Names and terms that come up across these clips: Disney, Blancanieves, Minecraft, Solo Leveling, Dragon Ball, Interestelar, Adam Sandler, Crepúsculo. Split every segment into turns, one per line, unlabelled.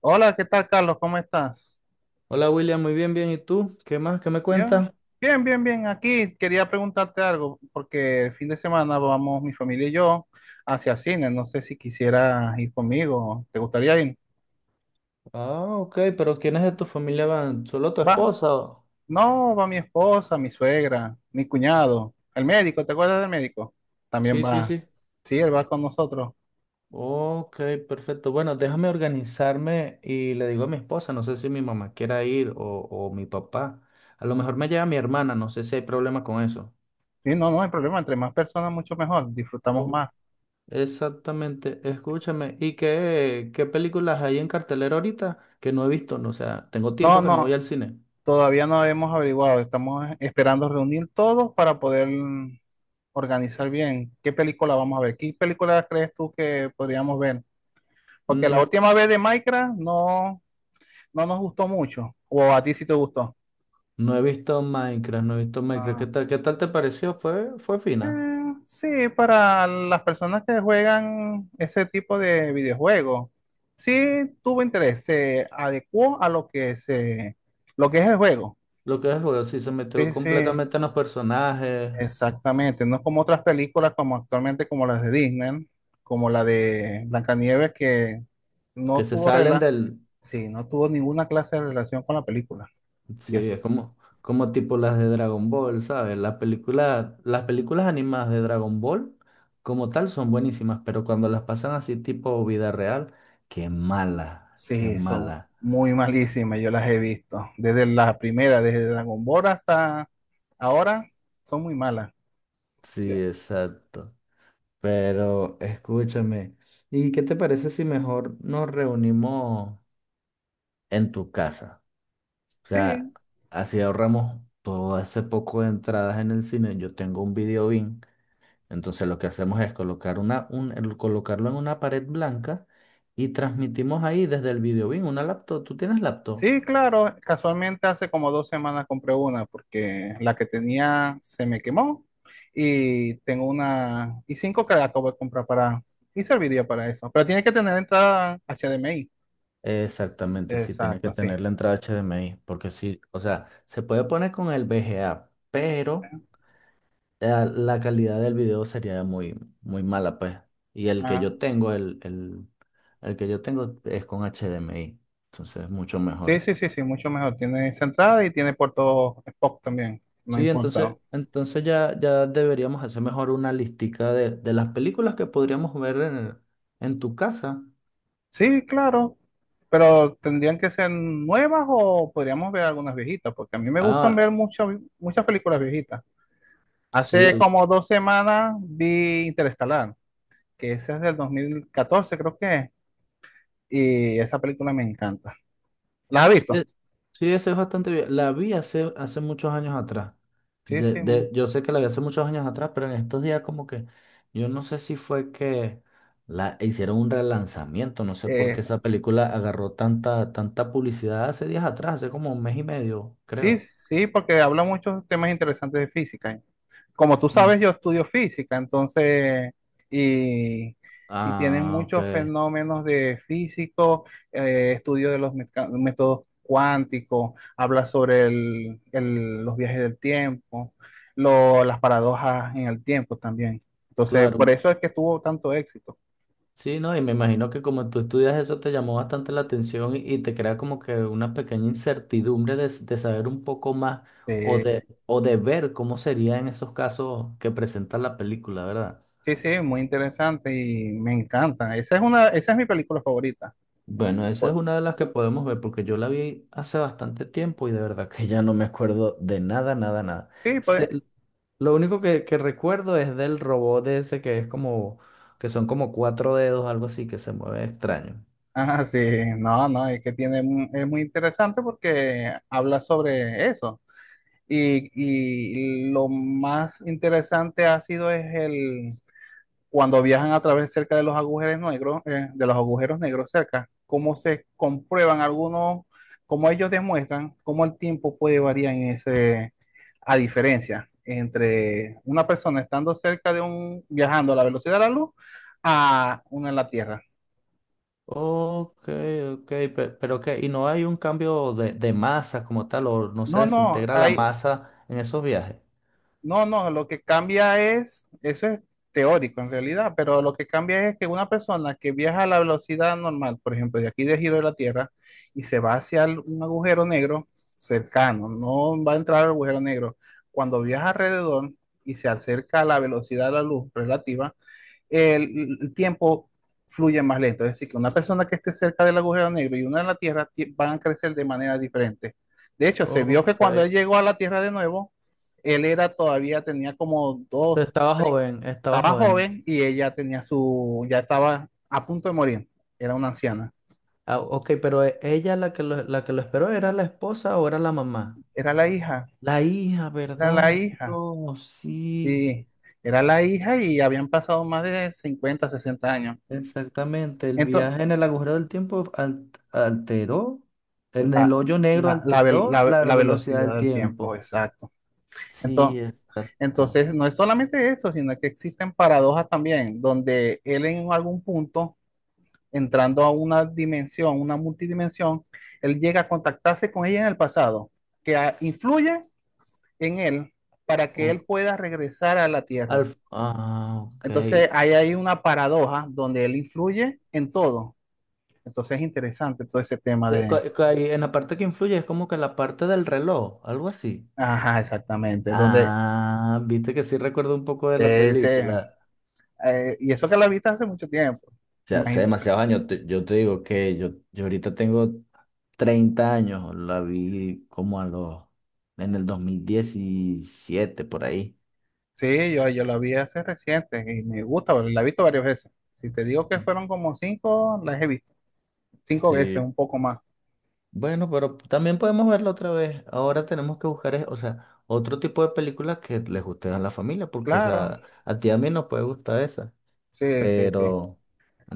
Hola, ¿qué tal, Carlos? ¿Cómo estás?
Hola William, muy bien, bien. ¿Y tú? ¿Qué más? ¿Qué me
Yo,
cuentas?
bien, bien, bien. Aquí quería preguntarte algo, porque el fin de semana vamos mi familia y yo hacia cine. No sé si quisieras ir conmigo. ¿Te gustaría ir?
Ah, ok, pero ¿quiénes de tu familia van? ¿Solo tu
Va.
esposa?
No, va mi esposa, mi suegra, mi cuñado, el médico. ¿Te acuerdas del médico? También
Sí, sí,
va.
sí.
Sí, él va con nosotros.
Ok, perfecto. Bueno, déjame organizarme y le digo a mi esposa, no sé si mi mamá quiera ir o mi papá. A lo mejor me lleva mi hermana, no sé si hay problema con eso.
Sí, no, no hay problema. Entre más personas, mucho mejor. Disfrutamos
Oh,
más.
exactamente, escúchame. ¿Y qué películas hay en cartelera ahorita que no he visto? No, o sea, tengo
No,
tiempo que no voy
no.
al cine.
Todavía no hemos averiguado, estamos esperando reunir todos para poder organizar bien qué película vamos a ver. ¿Qué película crees tú que podríamos ver? Porque la última vez de Minecraft no nos gustó mucho, o a ti sí te gustó.
No he visto Minecraft, no he visto Minecraft. ¿Qué
Ah,
tal, qué tal te pareció? Fue fina.
sí, para las personas que juegan ese tipo de videojuegos, sí tuvo interés, se adecuó a lo que es el juego.
Lo que es el juego, sí, se metió
Sí, sí.
completamente en los personajes
Exactamente, no es como otras películas como actualmente como las de Disney, como la de Blancanieves que no
que se
tuvo
salen del.
sí, no tuvo ninguna clase de relación con la película. Y
Sí,
es,
es como tipo las de Dragon Ball, ¿sabes? Las películas animadas de Dragon Ball como tal son buenísimas, pero cuando las pasan así tipo vida real, qué mala, qué
sí, son
mala.
muy malísimas, yo las he visto. Desde la primera, desde Dragon Ball hasta ahora, son muy malas.
Sí, exacto. Pero escúchame, ¿y qué te parece si mejor nos reunimos en tu casa? O sea,
Sí,
así ahorramos todo ese poco de entradas en el cine. Yo tengo un video bin, entonces lo que hacemos es colocar colocarlo en una pared blanca y transmitimos ahí desde el video bin una laptop. ¿Tú tienes laptop?
sí, claro, casualmente hace como dos semanas compré una porque la que tenía se me quemó y tengo una y cinco que la acabo de comprar para y serviría para eso, pero tiene que tener entrada HDMI.
Exactamente, sí, tiene que
Exacto, sí.
tener la entrada HDMI, porque sí, o sea, se puede poner con el VGA, pero la calidad del video sería muy, muy mala, pues. Y el que
Ah,
yo tengo, es con HDMI, entonces es mucho
sí,
mejor.
sí, sí, sí, mucho mejor. Tiene esa entrada y tiene puerto Spock también, no
Sí,
importa.
entonces ya deberíamos hacer mejor una listica de las películas que podríamos ver en tu casa.
Sí, claro, pero tendrían que ser nuevas o podríamos ver algunas viejitas porque a mí me gustan
Ah,
ver muchas películas viejitas.
sí,
Hace como dos semanas vi Interestelar, que esa es del 2014, creo que es, y esa película me encanta. ¿La has
sí,
visto?
sí, esa es bastante bien. La vi hace muchos años atrás.
Sí, sí.
Yo sé que la vi hace muchos años atrás, pero en estos días como que yo no sé si fue que la hicieron un relanzamiento, no sé por qué esa
Eh,
película agarró tanta, tanta publicidad hace días atrás, hace como un mes y medio,
sí,
creo.
sí, porque habla muchos temas interesantes de física. Como tú
Mm.
sabes, yo estudio física, entonces, y, y tienen
Ah,
muchos
ok.
fenómenos de físico, estudio de los métodos cuánticos, habla sobre los viajes del tiempo, las paradojas en el tiempo también. Entonces, por
Claro,
eso es que tuvo tanto éxito.
sí, no, y me imagino que como tú estudias eso te llamó bastante la atención y, te crea como que una pequeña incertidumbre de, de saber un poco más o
Eh,
de ver cómo sería en esos casos que presenta la película, ¿verdad?
sí, sí, muy interesante y me encanta. Esa es una, esa es mi película favorita.
Bueno, esa es
Por-
una de las que podemos ver porque yo la vi hace bastante tiempo y de verdad que ya no me acuerdo de nada, nada, nada.
sí, pues,
Sé- lo único que recuerdo es del robot de ese que es como, que son como cuatro dedos, algo así, que se mueve extraño.
ah, sí, no, no, es que tiene, es muy interesante porque habla sobre eso. Y, y lo más interesante ha sido es el cuando viajan a través cerca de los agujeros negros, de los agujeros negros cerca, cómo se comprueban algunos, cómo ellos demuestran cómo el tiempo puede variar en ese, a diferencia entre una persona estando cerca de un, viajando a la velocidad de la luz a una en la Tierra.
Ok, ok, pero ¿y no hay un cambio de masa como tal, o no se
No,
desintegra la masa en esos viajes?
no, no, lo que cambia es, eso es teórico en realidad, pero lo que cambia es que una persona que viaja a la velocidad normal, por ejemplo, de aquí de giro de la Tierra, y se va hacia un agujero negro cercano, no va a entrar al agujero negro, cuando viaja alrededor y se acerca a la velocidad de la luz relativa, el tiempo fluye más lento. Es decir, que una persona que esté cerca del agujero negro y una en la Tierra van a crecer de manera diferente. De hecho, se vio que
Ok,
cuando
entonces
él llegó a la Tierra de nuevo, él era todavía, tenía como
estaba joven, estaba
estaba
joven.
joven y ella tenía su, ya estaba a punto de morir. Era una anciana.
Ah, ok, pero ella la que lo esperó era la esposa o era la mamá.
Era la hija,
La hija,
era la
¿verdad?
hija,
Dios, sí,
sí, era la hija y habían pasado más de 50, 60 años.
exactamente. El
Entonces,
viaje en el agujero del tiempo en el
la,
hoyo negro alteró la
la
velocidad
velocidad
del
del tiempo,
tiempo.
exacto. Entonces,
Sí, exacto.
entonces, no es solamente eso, sino que existen paradojas también, donde él en algún punto, entrando a una dimensión, una multidimensión, él llega a contactarse con ella en el pasado, que influye en él para que él pueda regresar a la Tierra.
Ah, ok.
Entonces, ahí hay una paradoja donde él influye en todo. Entonces, es interesante todo ese tema de,
Ahí, en la parte que influye es como que la parte del reloj, algo así.
ajá, exactamente, donde
Ah, viste que sí recuerdo un poco de la
ese,
película.
y eso que la viste hace mucho tiempo,
O sea, hace
imagino.
demasiados años, yo te digo que yo ahorita tengo 30 años, la vi como en el 2017 por ahí.
Sí, yo la vi hace reciente y me gusta, la he visto varias veces. Si te digo que fueron como cinco, las he visto. Cinco veces,
Sí,
un poco más.
bueno, pero también podemos verla otra vez. Ahora tenemos que buscar, o sea, otro tipo de películas que les guste a la familia, porque, o
Claro,
sea, a ti y a mí nos puede gustar esa.
sí, sí, sí.
Pero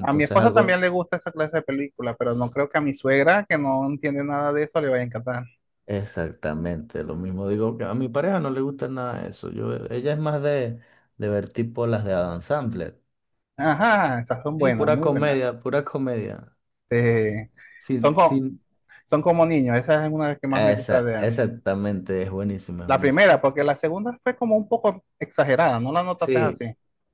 A mi esposa también
algo
le gusta esa clase de película, pero no creo que a mi suegra, que no entiende nada de eso, le vaya a encantar.
exactamente lo mismo. Digo que a mi pareja no le gusta nada de eso. Ella es más de ver tipo las de Adam Sandler.
Ajá, esas son
Sí,
buenas,
pura
muy buenas.
comedia, pura comedia.
Este, son,
Sin,
co-
sin...
son como niños, esa es una de las que más me gusta
Esa,
de él.
exactamente, es buenísimo, es
La
buenísimo.
primera, porque la segunda fue como un poco exagerada, ¿no la notaste
Sí,
así?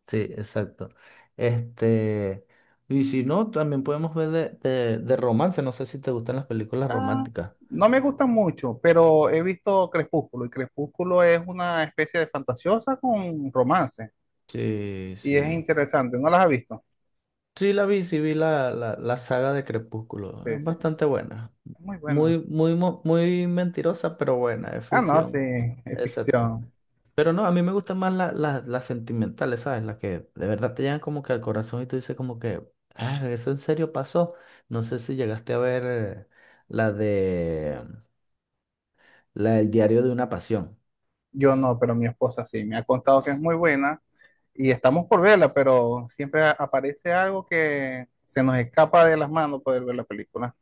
sí, exacto. Este, y si no, también podemos ver de, de romance. No sé si te gustan las películas
Ah,
románticas.
no me gusta mucho, pero he visto Crepúsculo y Crepúsculo es una especie de fantasiosa con romance
Sí,
y es
sí.
interesante. ¿No las has visto?
Sí la vi, sí vi la, la saga de Crepúsculo.
Sí,
Es
sí,
bastante
es
buena.
muy buena.
Muy mentirosa, pero buena, es
Ah, no, sí,
ficción.
es
Exacto.
ficción.
Pero no, a mí me gustan más las sentimentales, ¿sabes? Las que de verdad te llegan como que al corazón y tú dices como que, ah, eso en serio pasó. No sé si llegaste a ver la de, la del diario de una pasión.
Yo no, pero mi esposa sí, me ha contado que es muy buena y estamos por verla, pero siempre aparece algo que se nos escapa de las manos poder ver la película.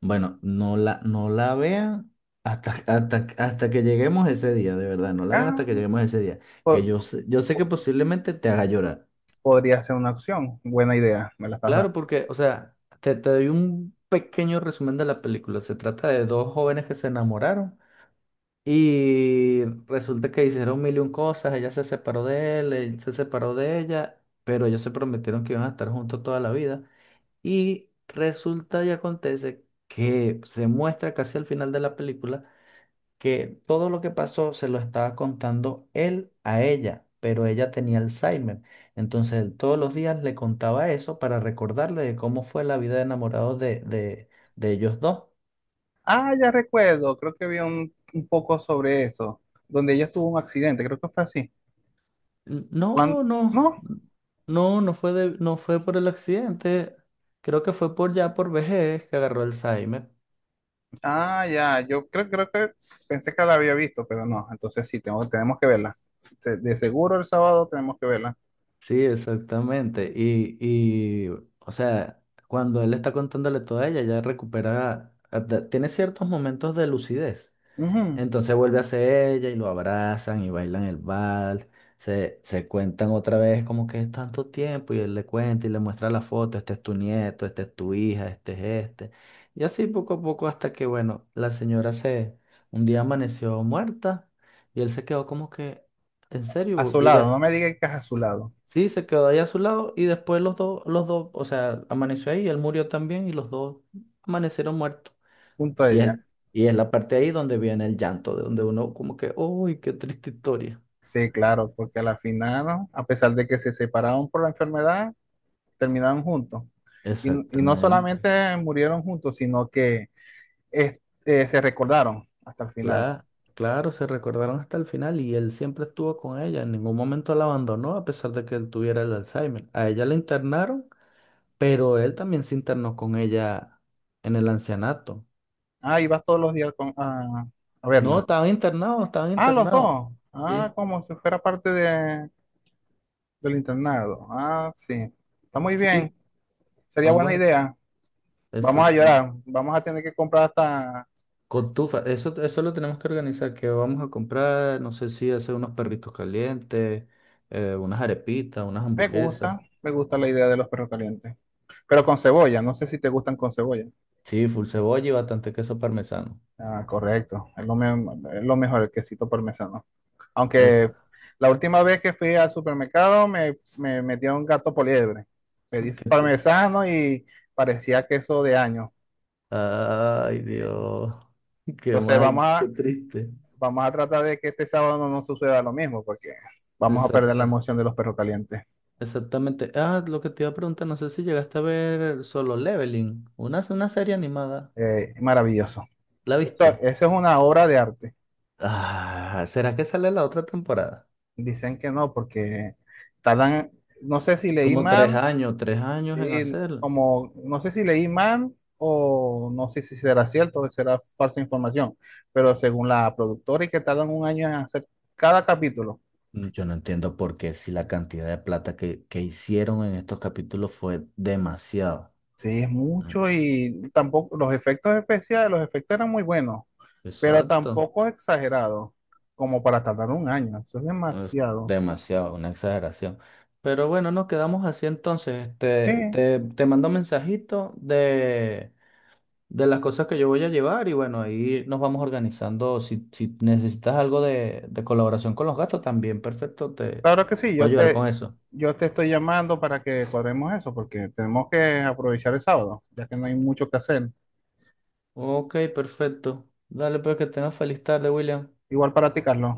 Bueno, no la vean hasta que lleguemos ese día, de verdad, no la vean
Ah,
hasta que lleguemos ese día, que
po-
yo sé que
po-
posiblemente te haga llorar.
podría ser una opción, buena idea, me la estás
Claro,
dando.
porque, o sea, te doy un pequeño resumen de la película. Se trata de dos jóvenes que se enamoraron y resulta que hicieron mil y un cosas, ella se separó de él, él se separó de ella, pero ellos se prometieron que iban a estar juntos toda la vida y resulta y acontece que se muestra casi al final de la película que todo lo que pasó se lo estaba contando él a ella, pero ella tenía Alzheimer. Entonces él todos los días le contaba eso para recordarle de cómo fue la vida de enamorados de, de ellos dos.
Ah, ya recuerdo, creo que vi un poco sobre eso, donde ella tuvo un accidente, creo que fue así. ¿Cuándo?
No, no,
¿No?
no, no fue por el accidente. Creo que fue por ya por vejez que agarró Alzheimer.
Ah, ya, yo creo, creo que pensé que la había visto, pero no, entonces sí, tengo, tenemos que verla. De seguro el sábado tenemos que verla.
Sí, exactamente. Y, o sea, cuando él está contándole todo a ella, ella recupera, tiene ciertos momentos de lucidez.
Ujú,
Entonces vuelve hacia ella y lo abrazan y bailan el vals. Se cuentan otra vez como que es tanto tiempo y él le cuenta y le muestra la foto, este es tu nieto, este es tu hija, este es este. Y así poco a poco hasta que, bueno, la señora un día amaneció muerta y él se quedó como que, ¿en
a su, a
serio?
su
Y
lado, no me digan que es a su
sí,
lado,
sí, se quedó ahí a su lado y después los dos, o sea, amaneció ahí y él murió también y los dos amanecieron muertos.
junto a
Y
ella.
es, y es la parte ahí donde viene el llanto, de donde uno como que, uy, qué triste historia.
Sí, claro, porque a la final, ¿no? A pesar de que se separaron por la enfermedad, terminaron juntos. Y, y no
Exactamente.
solamente murieron juntos, sino que eh, se recordaron hasta el final.
Claro, claro, se recordaron hasta el final y él siempre estuvo con ella, en ningún momento la abandonó a pesar de que él tuviera el Alzheimer. A ella la internaron, pero él también se internó con ella en el ancianato.
Ah, ibas todos los días a
No,
verla.
estaban internados, estaban
Ah, los
internados.
dos. Ah,
Sí,
como si fuera parte de, del internado. Ah, sí. Está muy
sí,
bien. Sería buena
ambos,
idea. Vamos a
exacto.
llorar. Vamos a tener que comprar hasta…
Cotufa, eso lo tenemos que organizar, que vamos a comprar, no sé si hacer unos perritos calientes, unas arepitas, unas hamburguesas.
Me gusta la idea de los perros calientes. Pero con cebolla. No sé si te gustan con cebolla.
Sí, full cebolla y bastante queso parmesano.
Ah, correcto. Es lo mejor, el quesito parmesano.
Eso.
Aunque la última vez que fui al supermercado me metió un gato poliebre. Pedí
Qué tr-
parmesano y parecía queso de años.
Ay, Dios. Qué
Entonces vamos
mal,
a,
qué triste.
vamos a tratar de que este sábado no nos suceda lo mismo, porque vamos a perder la
Exacto,
emoción de los perros calientes.
exactamente. Ah, lo que te iba a preguntar, no sé si llegaste a ver Solo Leveling, una serie animada.
Maravilloso.
¿La
Eso,
viste?
eso es una obra de arte.
Ah, ¿será que sale la otra temporada?
Dicen que no, porque tardan, no sé si leí
Como tres
mal,
años, 3 años en
y
hacerla.
como, no sé si leí mal o no sé si será cierto o será falsa información, pero según la productora y que tardan 1 año en hacer cada capítulo.
Yo no entiendo por qué si la cantidad de plata que hicieron en estos capítulos fue demasiado.
Sí, es
Mm,
mucho y tampoco los efectos especiales, los efectos eran muy buenos. Pero
exacto,
tampoco exagerado como para tardar 1 año. Eso es
es
demasiado.
demasiado, una exageración. Pero bueno, nos quedamos así entonces.
Sí,
Te mando un mensajito de, las cosas que yo voy a llevar y bueno, ahí nos vamos organizando. Si necesitas algo de colaboración con los gastos también, perfecto, te,
claro que
te
sí.
puedo ayudar con eso.
Yo te estoy llamando para que cuadremos eso, porque tenemos que aprovechar el sábado, ya que no hay mucho que hacer.
Ok, perfecto. Dale pues que tengas feliz tarde, William.
Igual para ti, Carlos.